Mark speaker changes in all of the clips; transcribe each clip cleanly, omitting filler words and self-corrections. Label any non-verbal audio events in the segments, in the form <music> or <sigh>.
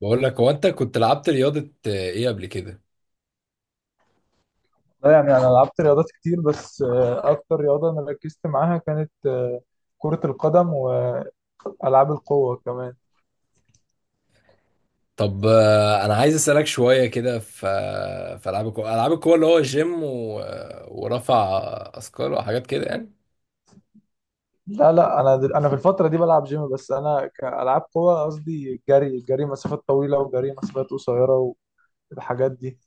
Speaker 1: بقول لك هو انت كنت لعبت رياضة ايه قبل كده؟
Speaker 2: لا، يعني انا لعبت رياضات كتير بس اكتر رياضه انا ركزت معاها كانت كره القدم والعاب القوه كمان.
Speaker 1: طب، انا عايز اسألك شوية كده في، في العاب القوة اللي هو جيم و... آه، ورفع اثقال وحاجات كده يعني.
Speaker 2: لا، لا، انا انا في الفتره دي بلعب جيم، بس انا كالعاب قوه قصدي جري، مسافات طويله وجري مسافات قصيره والحاجات دي.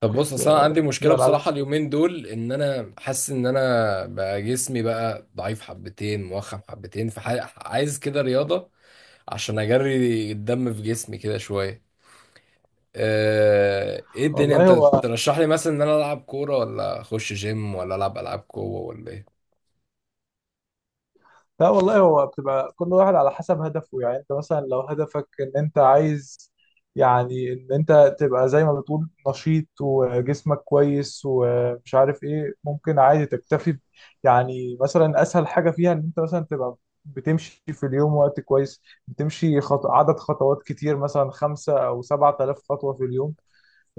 Speaker 1: طب بص،
Speaker 2: كنت
Speaker 1: اصل انا عندي مشكلة
Speaker 2: دي العاب
Speaker 1: بصراحة
Speaker 2: القوه.
Speaker 1: اليومين دول، ان انا حاسس ان انا بقى جسمي بقى ضعيف حبتين، موخم حبتين، فعايز كده رياضة عشان اجري الدم في جسمي كده شوية. ايه الدنيا؟
Speaker 2: والله
Speaker 1: انت
Speaker 2: هو
Speaker 1: ترشح لي مثلا ان انا العب كورة، ولا اخش جيم، ولا العب العاب قوة، ولا ايه؟
Speaker 2: لا، والله هو بتبقى كل واحد على حسب هدفه. يعني انت مثلا لو هدفك ان انت عايز، يعني ان انت تبقى زي ما بتقول نشيط وجسمك كويس ومش عارف ايه، ممكن عادي تكتفي يعني مثلا اسهل حاجة فيها ان انت مثلا تبقى بتمشي في اليوم وقت كويس، بتمشي عدد خطوات كتير، مثلا 5 أو 7 آلاف خطوة في اليوم.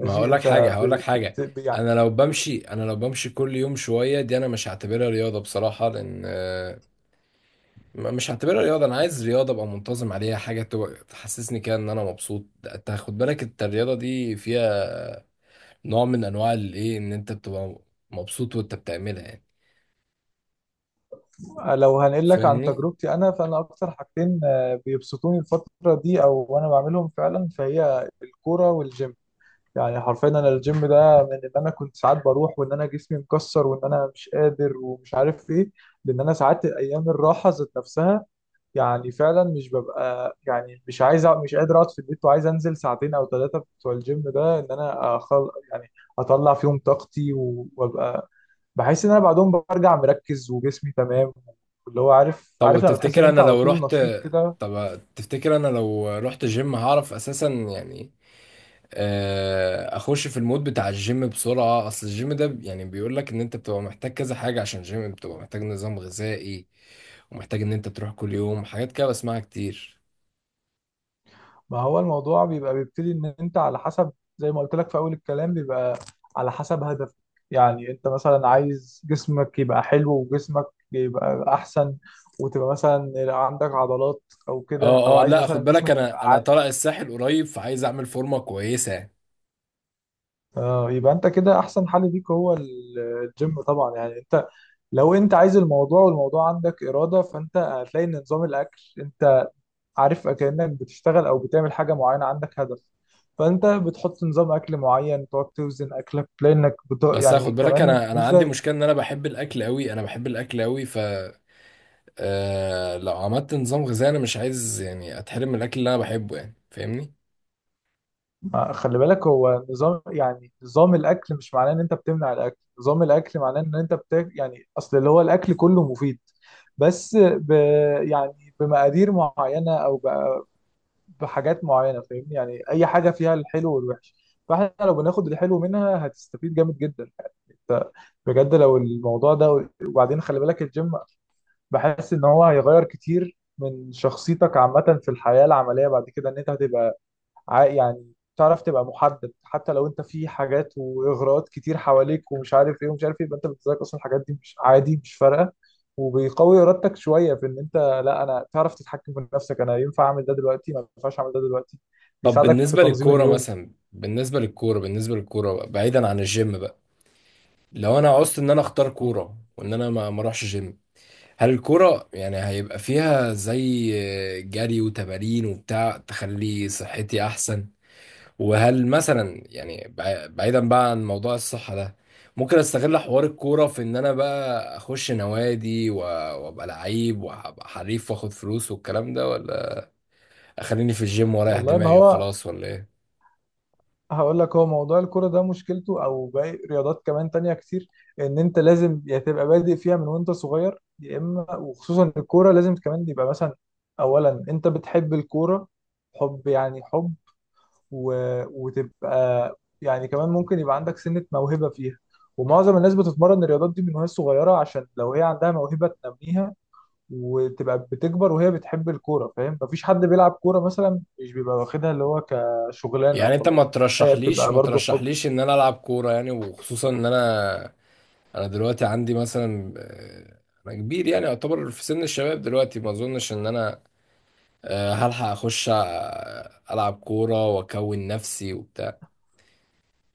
Speaker 1: ما هقول لك حاجة،
Speaker 2: انت
Speaker 1: هقول لك حاجة.
Speaker 2: يعني
Speaker 1: انا لو بمشي كل يوم شوية، دي انا مش هعتبرها رياضة بصراحة، لان مش هعتبرها رياضة. انا عايز رياضة ابقى منتظم عليها، حاجة تحسسني كده ان انا مبسوط. انت خد بالك، انت الرياضة دي فيها نوع من انواع الايه، ان انت بتبقى مبسوط وانت بتعملها يعني.
Speaker 2: لو هنقول لك عن
Speaker 1: فاهمني؟
Speaker 2: تجربتي انا، فانا اكتر حاجتين بيبسطوني الفتره دي، او وانا بعملهم فعلا، فهي الكوره والجيم. يعني حرفيا انا الجيم ده من ان انا كنت ساعات بروح وان انا جسمي مكسر وان انا مش قادر ومش عارف ايه، لان انا ساعات ايام الراحه ذات نفسها يعني فعلا مش ببقى، يعني مش عايز أق- مش قادر اقعد في البيت وعايز انزل ساعتين او ثلاثه بتوع الجيم ده، ان انا أخل يعني اطلع فيهم طاقتي وابقى بحس ان انا بعدهم برجع مركز وجسمي تمام. اللي هو عارف
Speaker 1: طب
Speaker 2: عارف لما تحس ان
Speaker 1: تفتكر انا
Speaker 2: انت على
Speaker 1: لو
Speaker 2: طول
Speaker 1: رحت
Speaker 2: نشيط كده.
Speaker 1: طب تفتكر انا لو رحت جيم هعرف اساسا يعني اخش في المود بتاع الجيم بسرعه؟ اصل الجيم ده يعني بيقول لك ان انت بتبقى محتاج كذا حاجه، عشان الجيم بتبقى محتاج نظام غذائي، ومحتاج ان انت تروح كل يوم، حاجات كده بسمعها كتير.
Speaker 2: ما هو الموضوع بيبقى بيبتدي ان انت على حسب، زي ما قلت لك في اول الكلام، بيبقى على حسب هدف. يعني انت مثلا عايز جسمك يبقى حلو وجسمك يبقى احسن، وتبقى مثلا عندك عضلات او كده، او
Speaker 1: اه اه،
Speaker 2: عايز
Speaker 1: لا
Speaker 2: مثلا
Speaker 1: خد بالك،
Speaker 2: جسمك يبقى
Speaker 1: انا انا
Speaker 2: عادي.
Speaker 1: طالع الساحل قريب، فعايز اعمل فورمه كويسه.
Speaker 2: اه، يبقى انت كده احسن حل ليك هو الجيم طبعا. يعني انت لو انت عايز الموضوع، والموضوع عندك اراده، فانت هتلاقي ان نظام الاكل، انت عارف كأنك بتشتغل او بتعمل حاجة معينة عندك هدف، فانت بتحط نظام اكل معين، تقعد توزن اكلك، لانك
Speaker 1: بس
Speaker 2: يعني
Speaker 1: خد بالك،
Speaker 2: كمان
Speaker 1: انا عندي
Speaker 2: ميزة.
Speaker 1: مشكله، ان انا بحب الاكل قوي، انا بحب الاكل قوي. ف آه، لو عملت نظام غذائي انا مش عايز يعني اتحرم من الاكل اللي انا بحبه يعني. فاهمني؟
Speaker 2: خلي بالك، هو نظام يعني نظام الاكل مش معناه ان انت بتمنع الاكل، نظام الاكل معناه ان انت يعني اصل اللي هو الاكل كله مفيد، بس يعني بمقادير معينة، او بحاجات معينه. فاهمني؟ يعني اي حاجه فيها الحلو والوحش، فاحنا لو بناخد الحلو منها هتستفيد جامد جدا يعني. انت بجد لو الموضوع ده، وبعدين خلي بالك الجيم بحس ان هو هيغير كتير من شخصيتك عامه في الحياه العمليه بعد كده، ان انت هتبقى يعني تعرف تبقى محدد، حتى لو انت في حاجات واغراءات كتير حواليك ومش عارف ايه ومش عارف ايه، يبقى انت بالنسبه لك اصلا الحاجات دي مش عادي، مش فارقه. وبيقوي ارادتك شويه في ان انت، لا، انا تعرف تتحكم في نفسك، انا ينفع اعمل ده دلوقتي، ما ينفعش اعمل ده دلوقتي.
Speaker 1: طب
Speaker 2: بيساعدك في
Speaker 1: بالنسبة
Speaker 2: تنظيم
Speaker 1: للكورة
Speaker 2: اليوم.
Speaker 1: مثلا بالنسبة للكورة بالنسبة للكورة بقى، بعيدا عن الجيم بقى، لو انا عوزت ان انا اختار
Speaker 2: م.
Speaker 1: كورة، وان انا ما اروحش جيم، هل الكورة يعني هيبقى فيها زي جري وتمارين وبتاع تخلي صحتي احسن؟ وهل مثلا يعني بعيدا بقى عن موضوع الصحة ده، ممكن استغل حوار الكورة في ان انا بقى اخش نوادي، وابقى لعيب وابقى حريف واخد فلوس والكلام ده، ولا اخليني في الجيم واريح
Speaker 2: والله ما
Speaker 1: دماغي
Speaker 2: هو،
Speaker 1: وخلاص، ولا ايه؟
Speaker 2: هقول لك، هو موضوع الكرة ده مشكلته او باقي رياضات كمان تانية كتير، ان انت لازم يا تبقى بادئ فيها من وانت صغير، يا اما، وخصوصا الكورة لازم كمان يبقى مثلا اولا انت بتحب الكورة، حب يعني حب، و... وتبقى، يعني كمان ممكن يبقى عندك سنة موهبة فيها، ومعظم الناس بتتمرن الرياضات دي من وهي صغيرة، عشان لو هي عندها موهبة تنميها وتبقى بتكبر وهي بتحب الكوره. فاهم؟ مفيش حد بيلعب كوره مثلا مش بيبقى واخدها اللي هو كشغلانه
Speaker 1: يعني انت ما
Speaker 2: وخلاص، هي
Speaker 1: ترشحليش
Speaker 2: بتبقى
Speaker 1: ما
Speaker 2: برضه حب.
Speaker 1: ترشحليش ان انا العب كوره يعني؟ وخصوصا ان انا، انا دلوقتي عندي مثلا، انا كبير يعني، اعتبر في سن الشباب دلوقتي، ما اظنش ان انا هلحق اخش العب كوره واكون نفسي وبتاع.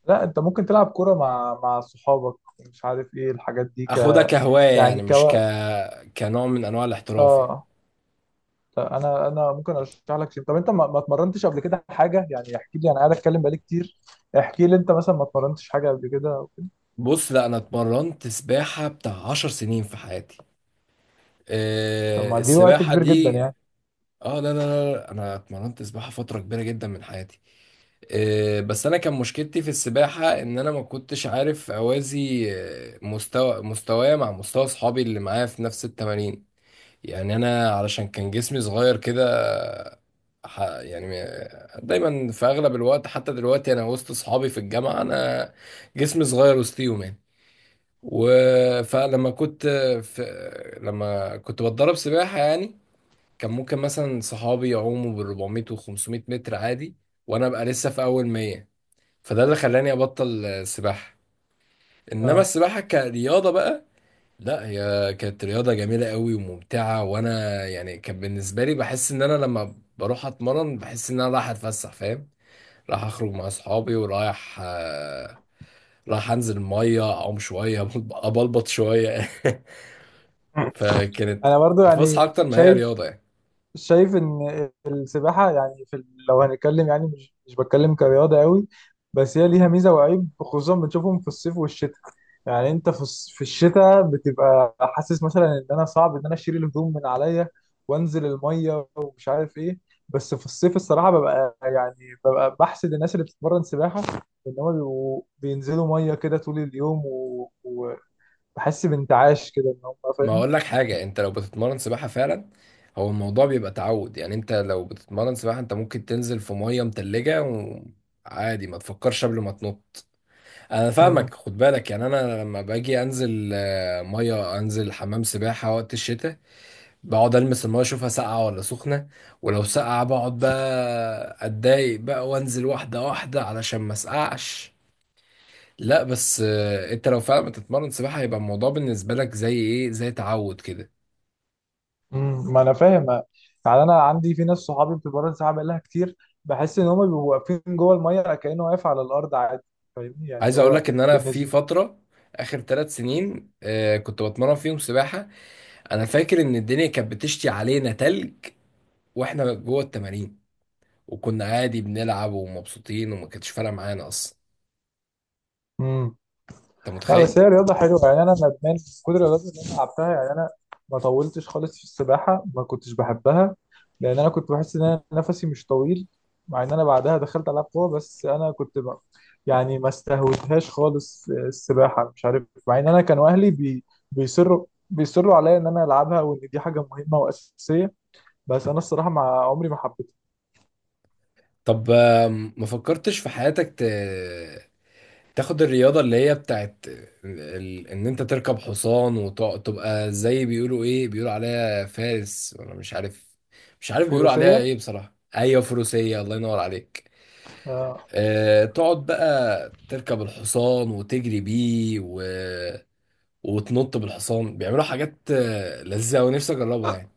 Speaker 2: لا، انت ممكن تلعب كوره مع صحابك، مش عارف ايه الحاجات دي،
Speaker 1: اخدها كهوايه
Speaker 2: يعني
Speaker 1: يعني، مش ك
Speaker 2: كوقت.
Speaker 1: كنوع من انواع الاحتراف يعني.
Speaker 2: اه، لا، انا ممكن ارشح لك شيء. طب انت ما اتمرنتش قبل كده حاجه؟ يعني احكي لي، انا قاعد اتكلم بقالي كتير، احكي لي انت مثلا ما اتمرنتش حاجه قبل كده أو كده.
Speaker 1: بص، لا انا اتمرنت سباحه بتاع 10 سنين في حياتي.
Speaker 2: طب ما دي وقت
Speaker 1: السباحه
Speaker 2: كبير جدا
Speaker 1: دي،
Speaker 2: يعني.
Speaker 1: اه لا لا لا، انا اتمرنت سباحه فتره كبيره جدا من حياتي. بس انا كان مشكلتي في السباحه، ان انا ما كنتش عارف اوازي، آه، مستوى مستواي مع مستوى اصحابي اللي معايا في نفس التمارين. يعني انا، علشان كان جسمي صغير كده، دايما في اغلب الوقت، حتى دلوقتي انا وسط اصحابي في الجامعه، انا جسمي صغير وسطيهم يعني. و- فلما كنت في لما كنت بتدرب سباحه يعني، كان ممكن مثلا صحابي يعوموا بال 400 و 500 متر عادي، وانا ابقى لسه في اول 100. فده اللي خلاني ابطل سباحه. انما
Speaker 2: اه.
Speaker 1: السباحه كرياضه بقى، لا هي كانت رياضه جميله قوي وممتعه. وانا يعني، كان بالنسبه لي بحس ان انا لما بروح اتمرن بحس ان انا رايح اتفسح. فاهم؟ رايح اخرج مع اصحابي، ورايح رايح انزل ميه اعوم شويه، <laughs> ابلبط شويه. <laughs> فكانت
Speaker 2: انا برضو
Speaker 1: فسحه
Speaker 2: يعني
Speaker 1: اكتر ما هي
Speaker 2: شايف
Speaker 1: رياضه يعني.
Speaker 2: شايف ان السباحه، يعني في لو هنتكلم يعني مش بتكلم كرياضه قوي، بس هي ليها ميزه وعيب خصوصا بنشوفهم في الصيف والشتاء. يعني انت في في الشتاء بتبقى حاسس مثلا ان انا صعب ان انا اشيل الهدوم من عليا وانزل الميه ومش عارف ايه، بس في الصيف الصراحه ببقى يعني ببقى بحسد الناس اللي بتتمرن سباحه، ان هم بيبقوا بينزلوا ميه كده طول اليوم وبحس بانتعاش كده ان هم.
Speaker 1: ما اقول لك حاجه، انت لو بتتمرن سباحه فعلا، هو الموضوع بيبقى تعود يعني. انت لو بتتمرن سباحه انت ممكن تنزل في ميه متلجه وعادي، ما تفكرش قبل ما تنط. انا
Speaker 2: فاهم؟
Speaker 1: فاهمك، خد بالك يعني، انا لما باجي انزل ميه، انزل حمام سباحه وقت الشتاء، بقعد المس الميه اشوفها ساقعه ولا سخنه، ولو ساقعه بقعد بقى اتضايق بقى وانزل واحده واحده علشان ما اسقعش. لا بس انت لو فعلا بتتمرن سباحه، هيبقى الموضوع بالنسبه لك زي ايه، زي تعود كده.
Speaker 2: ما انا فاهم. يعني انا عندي في ناس صحابي بتبقى رد ساعه بقالها كتير، بحس ان هم بيبقوا واقفين جوه الميه كانه واقف على الارض عادي. فاهمني؟ يعني
Speaker 1: عايز اقول
Speaker 2: هو
Speaker 1: لك ان انا في
Speaker 2: بالنسبه.
Speaker 1: فتره اخر 3 سنين آه كنت بتمرن فيهم سباحه، انا فاكر ان الدنيا كانت بتشتي علينا تلج واحنا جوه التمارين، وكنا عادي بنلعب ومبسوطين، وما كانتش فارقه معانا اصلا.
Speaker 2: مم.
Speaker 1: انت
Speaker 2: لا، بس
Speaker 1: متخيل؟
Speaker 2: هي رياضة حلوة يعني. أنا ندمان من كل الرياضات اللي أنا لعبتها يعني. أنا ما طولتش خالص في السباحة، ما كنتش بحبها، لأن أنا كنت بحس إن أنا نفسي مش طويل، مع إن أنا بعدها دخلت ألعاب قوة، بس أنا كنت يعني ما استهوتهاش خالص السباحة، مش عارف، مع إن أنا كانوا أهلي بيصروا عليا إن أنا ألعبها وإن دي حاجة مهمة وأساسية، بس أنا الصراحة مع عمري ما حبيتها.
Speaker 1: طب ما فكرتش في حياتك تاخد الرياضه اللي هي بتاعت ان انت تركب حصان، وتبقى زي بيقولوا ايه، بيقولوا عليها فارس ولا مش عارف، مش عارف بيقولوا عليها
Speaker 2: فروسية،
Speaker 1: ايه بصراحه. ايوه، فروسيه، الله ينور عليك.
Speaker 2: آه،
Speaker 1: تقعد بقى تركب الحصان وتجري بيه، وتنط بالحصان، بيعملوا حاجات لذيذة ونفسي اجربها يعني.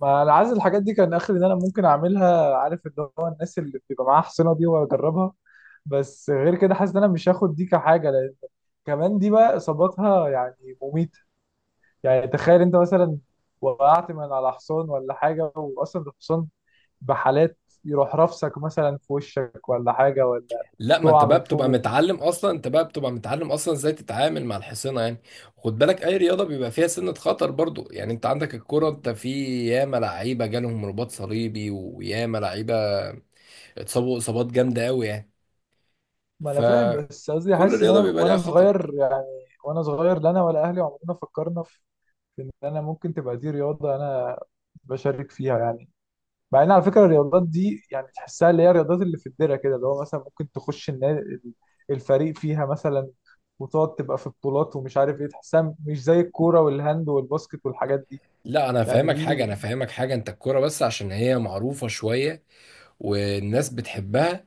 Speaker 2: ما انا عايز الحاجات دي كان اخر ان انا ممكن اعملها، عارف اللي هو الناس اللي بيبقى معاها حصينه دي واجربها، بس غير كده حاسس ان انا مش هاخد دي كحاجه، لان كمان دي بقى اصاباتها يعني مميته. يعني تخيل انت مثلا وقعت من على حصان ولا حاجه، واصلا الحصان بحالات يروح رافسك مثلا في وشك ولا حاجه، ولا
Speaker 1: لا، ما انت
Speaker 2: تقع
Speaker 1: بقى
Speaker 2: من
Speaker 1: بتبقى
Speaker 2: فوقه.
Speaker 1: متعلم اصلا، انت بقى بتبقى متعلم اصلا ازاي تتعامل مع الحصينة يعني. خد بالك، اي رياضة بيبقى فيها سنة خطر برضو. يعني انت عندك الكرة، انت في ياما لعيبة جالهم رباط صليبي، وياما لعيبة اتصابوا اصابات جامدة قوي يعني.
Speaker 2: ما انا فاهم، بس قصدي
Speaker 1: فكل
Speaker 2: حاسس ان
Speaker 1: رياضة
Speaker 2: انا
Speaker 1: بيبقى ليها
Speaker 2: وانا
Speaker 1: خطر.
Speaker 2: صغير يعني، وانا صغير لا انا ولا اهلي عمرنا فكرنا ان انا ممكن تبقى دي رياضه انا بشارك فيها يعني، مع ان على فكره الرياضات دي يعني تحسها اللي هي الرياضات اللي في الدره كده، اللي هو مثلا ممكن تخش النادي، الفريق فيها مثلا، وتقعد تبقى في بطولات ومش عارف ايه، تحسها مش زي الكوره والهاند والباسكت والحاجات دي
Speaker 1: لا انا
Speaker 2: يعني.
Speaker 1: فاهمك حاجة، انا
Speaker 2: دي
Speaker 1: فاهمك حاجة، انت الكرة بس عشان هي معروفة شوية والناس بتحبها،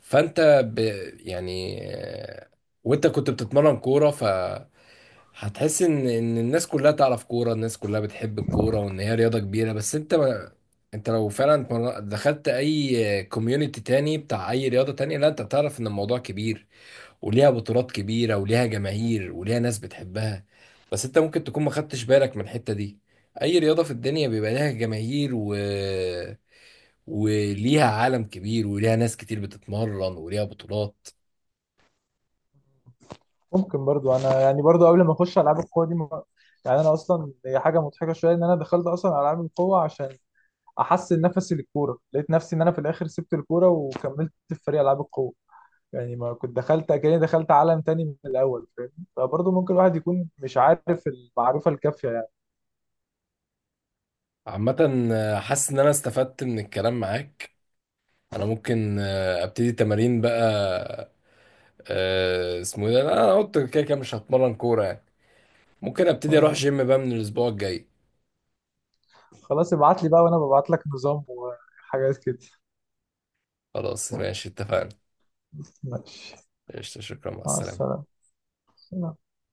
Speaker 1: فانت ب... يعني آه، وانت كنت بتتمرن كورة فهتحس ان الناس كلها تعرف كورة، الناس كلها بتحب الكورة، وان هي رياضة كبيرة. بس انت ما... انت لو فعلا دخلت اي كوميونتي تاني بتاع اي رياضة تانية، لا انت بتعرف ان الموضوع كبير، وليها بطولات كبيرة وليها جماهير وليها ناس بتحبها. بس انت ممكن تكون ما خدتش بالك من الحتة دي. اي رياضة في الدنيا بيبقى لها جماهير، وليها عالم كبير وليها ناس كتير بتتمرن وليها بطولات.
Speaker 2: ممكن برضو انا يعني برضو قبل ما اخش العاب القوه دي يعني انا اصلا هي حاجه مضحكه شويه، ان انا دخلت اصلا العاب القوه عشان احسن نفسي للكوره، لقيت نفسي ان انا في الاخر سبت الكوره وكملت في فريق العاب القوه. يعني ما كنت دخلت، كأني دخلت عالم تاني من الأول. فاهم؟ فبرضه ممكن الواحد يكون مش عارف المعرفة الكافية يعني.
Speaker 1: عامة، حاسس ان انا استفدت من الكلام معاك. انا ممكن ابتدي تمارين بقى. اسمه ايه ده؟ انا قلت كده كده مش هتمرن كورة يعني، ممكن ابتدي اروح
Speaker 2: آه،
Speaker 1: جيم بقى من الاسبوع الجاي.
Speaker 2: خلاص، ابعت لي بقى وأنا ببعت لك نظام وحاجات كده.
Speaker 1: خلاص ماشي، اتفقنا.
Speaker 2: ماشي.
Speaker 1: قشطة، شكرا، مع
Speaker 2: مع
Speaker 1: السلامة.
Speaker 2: السلامة.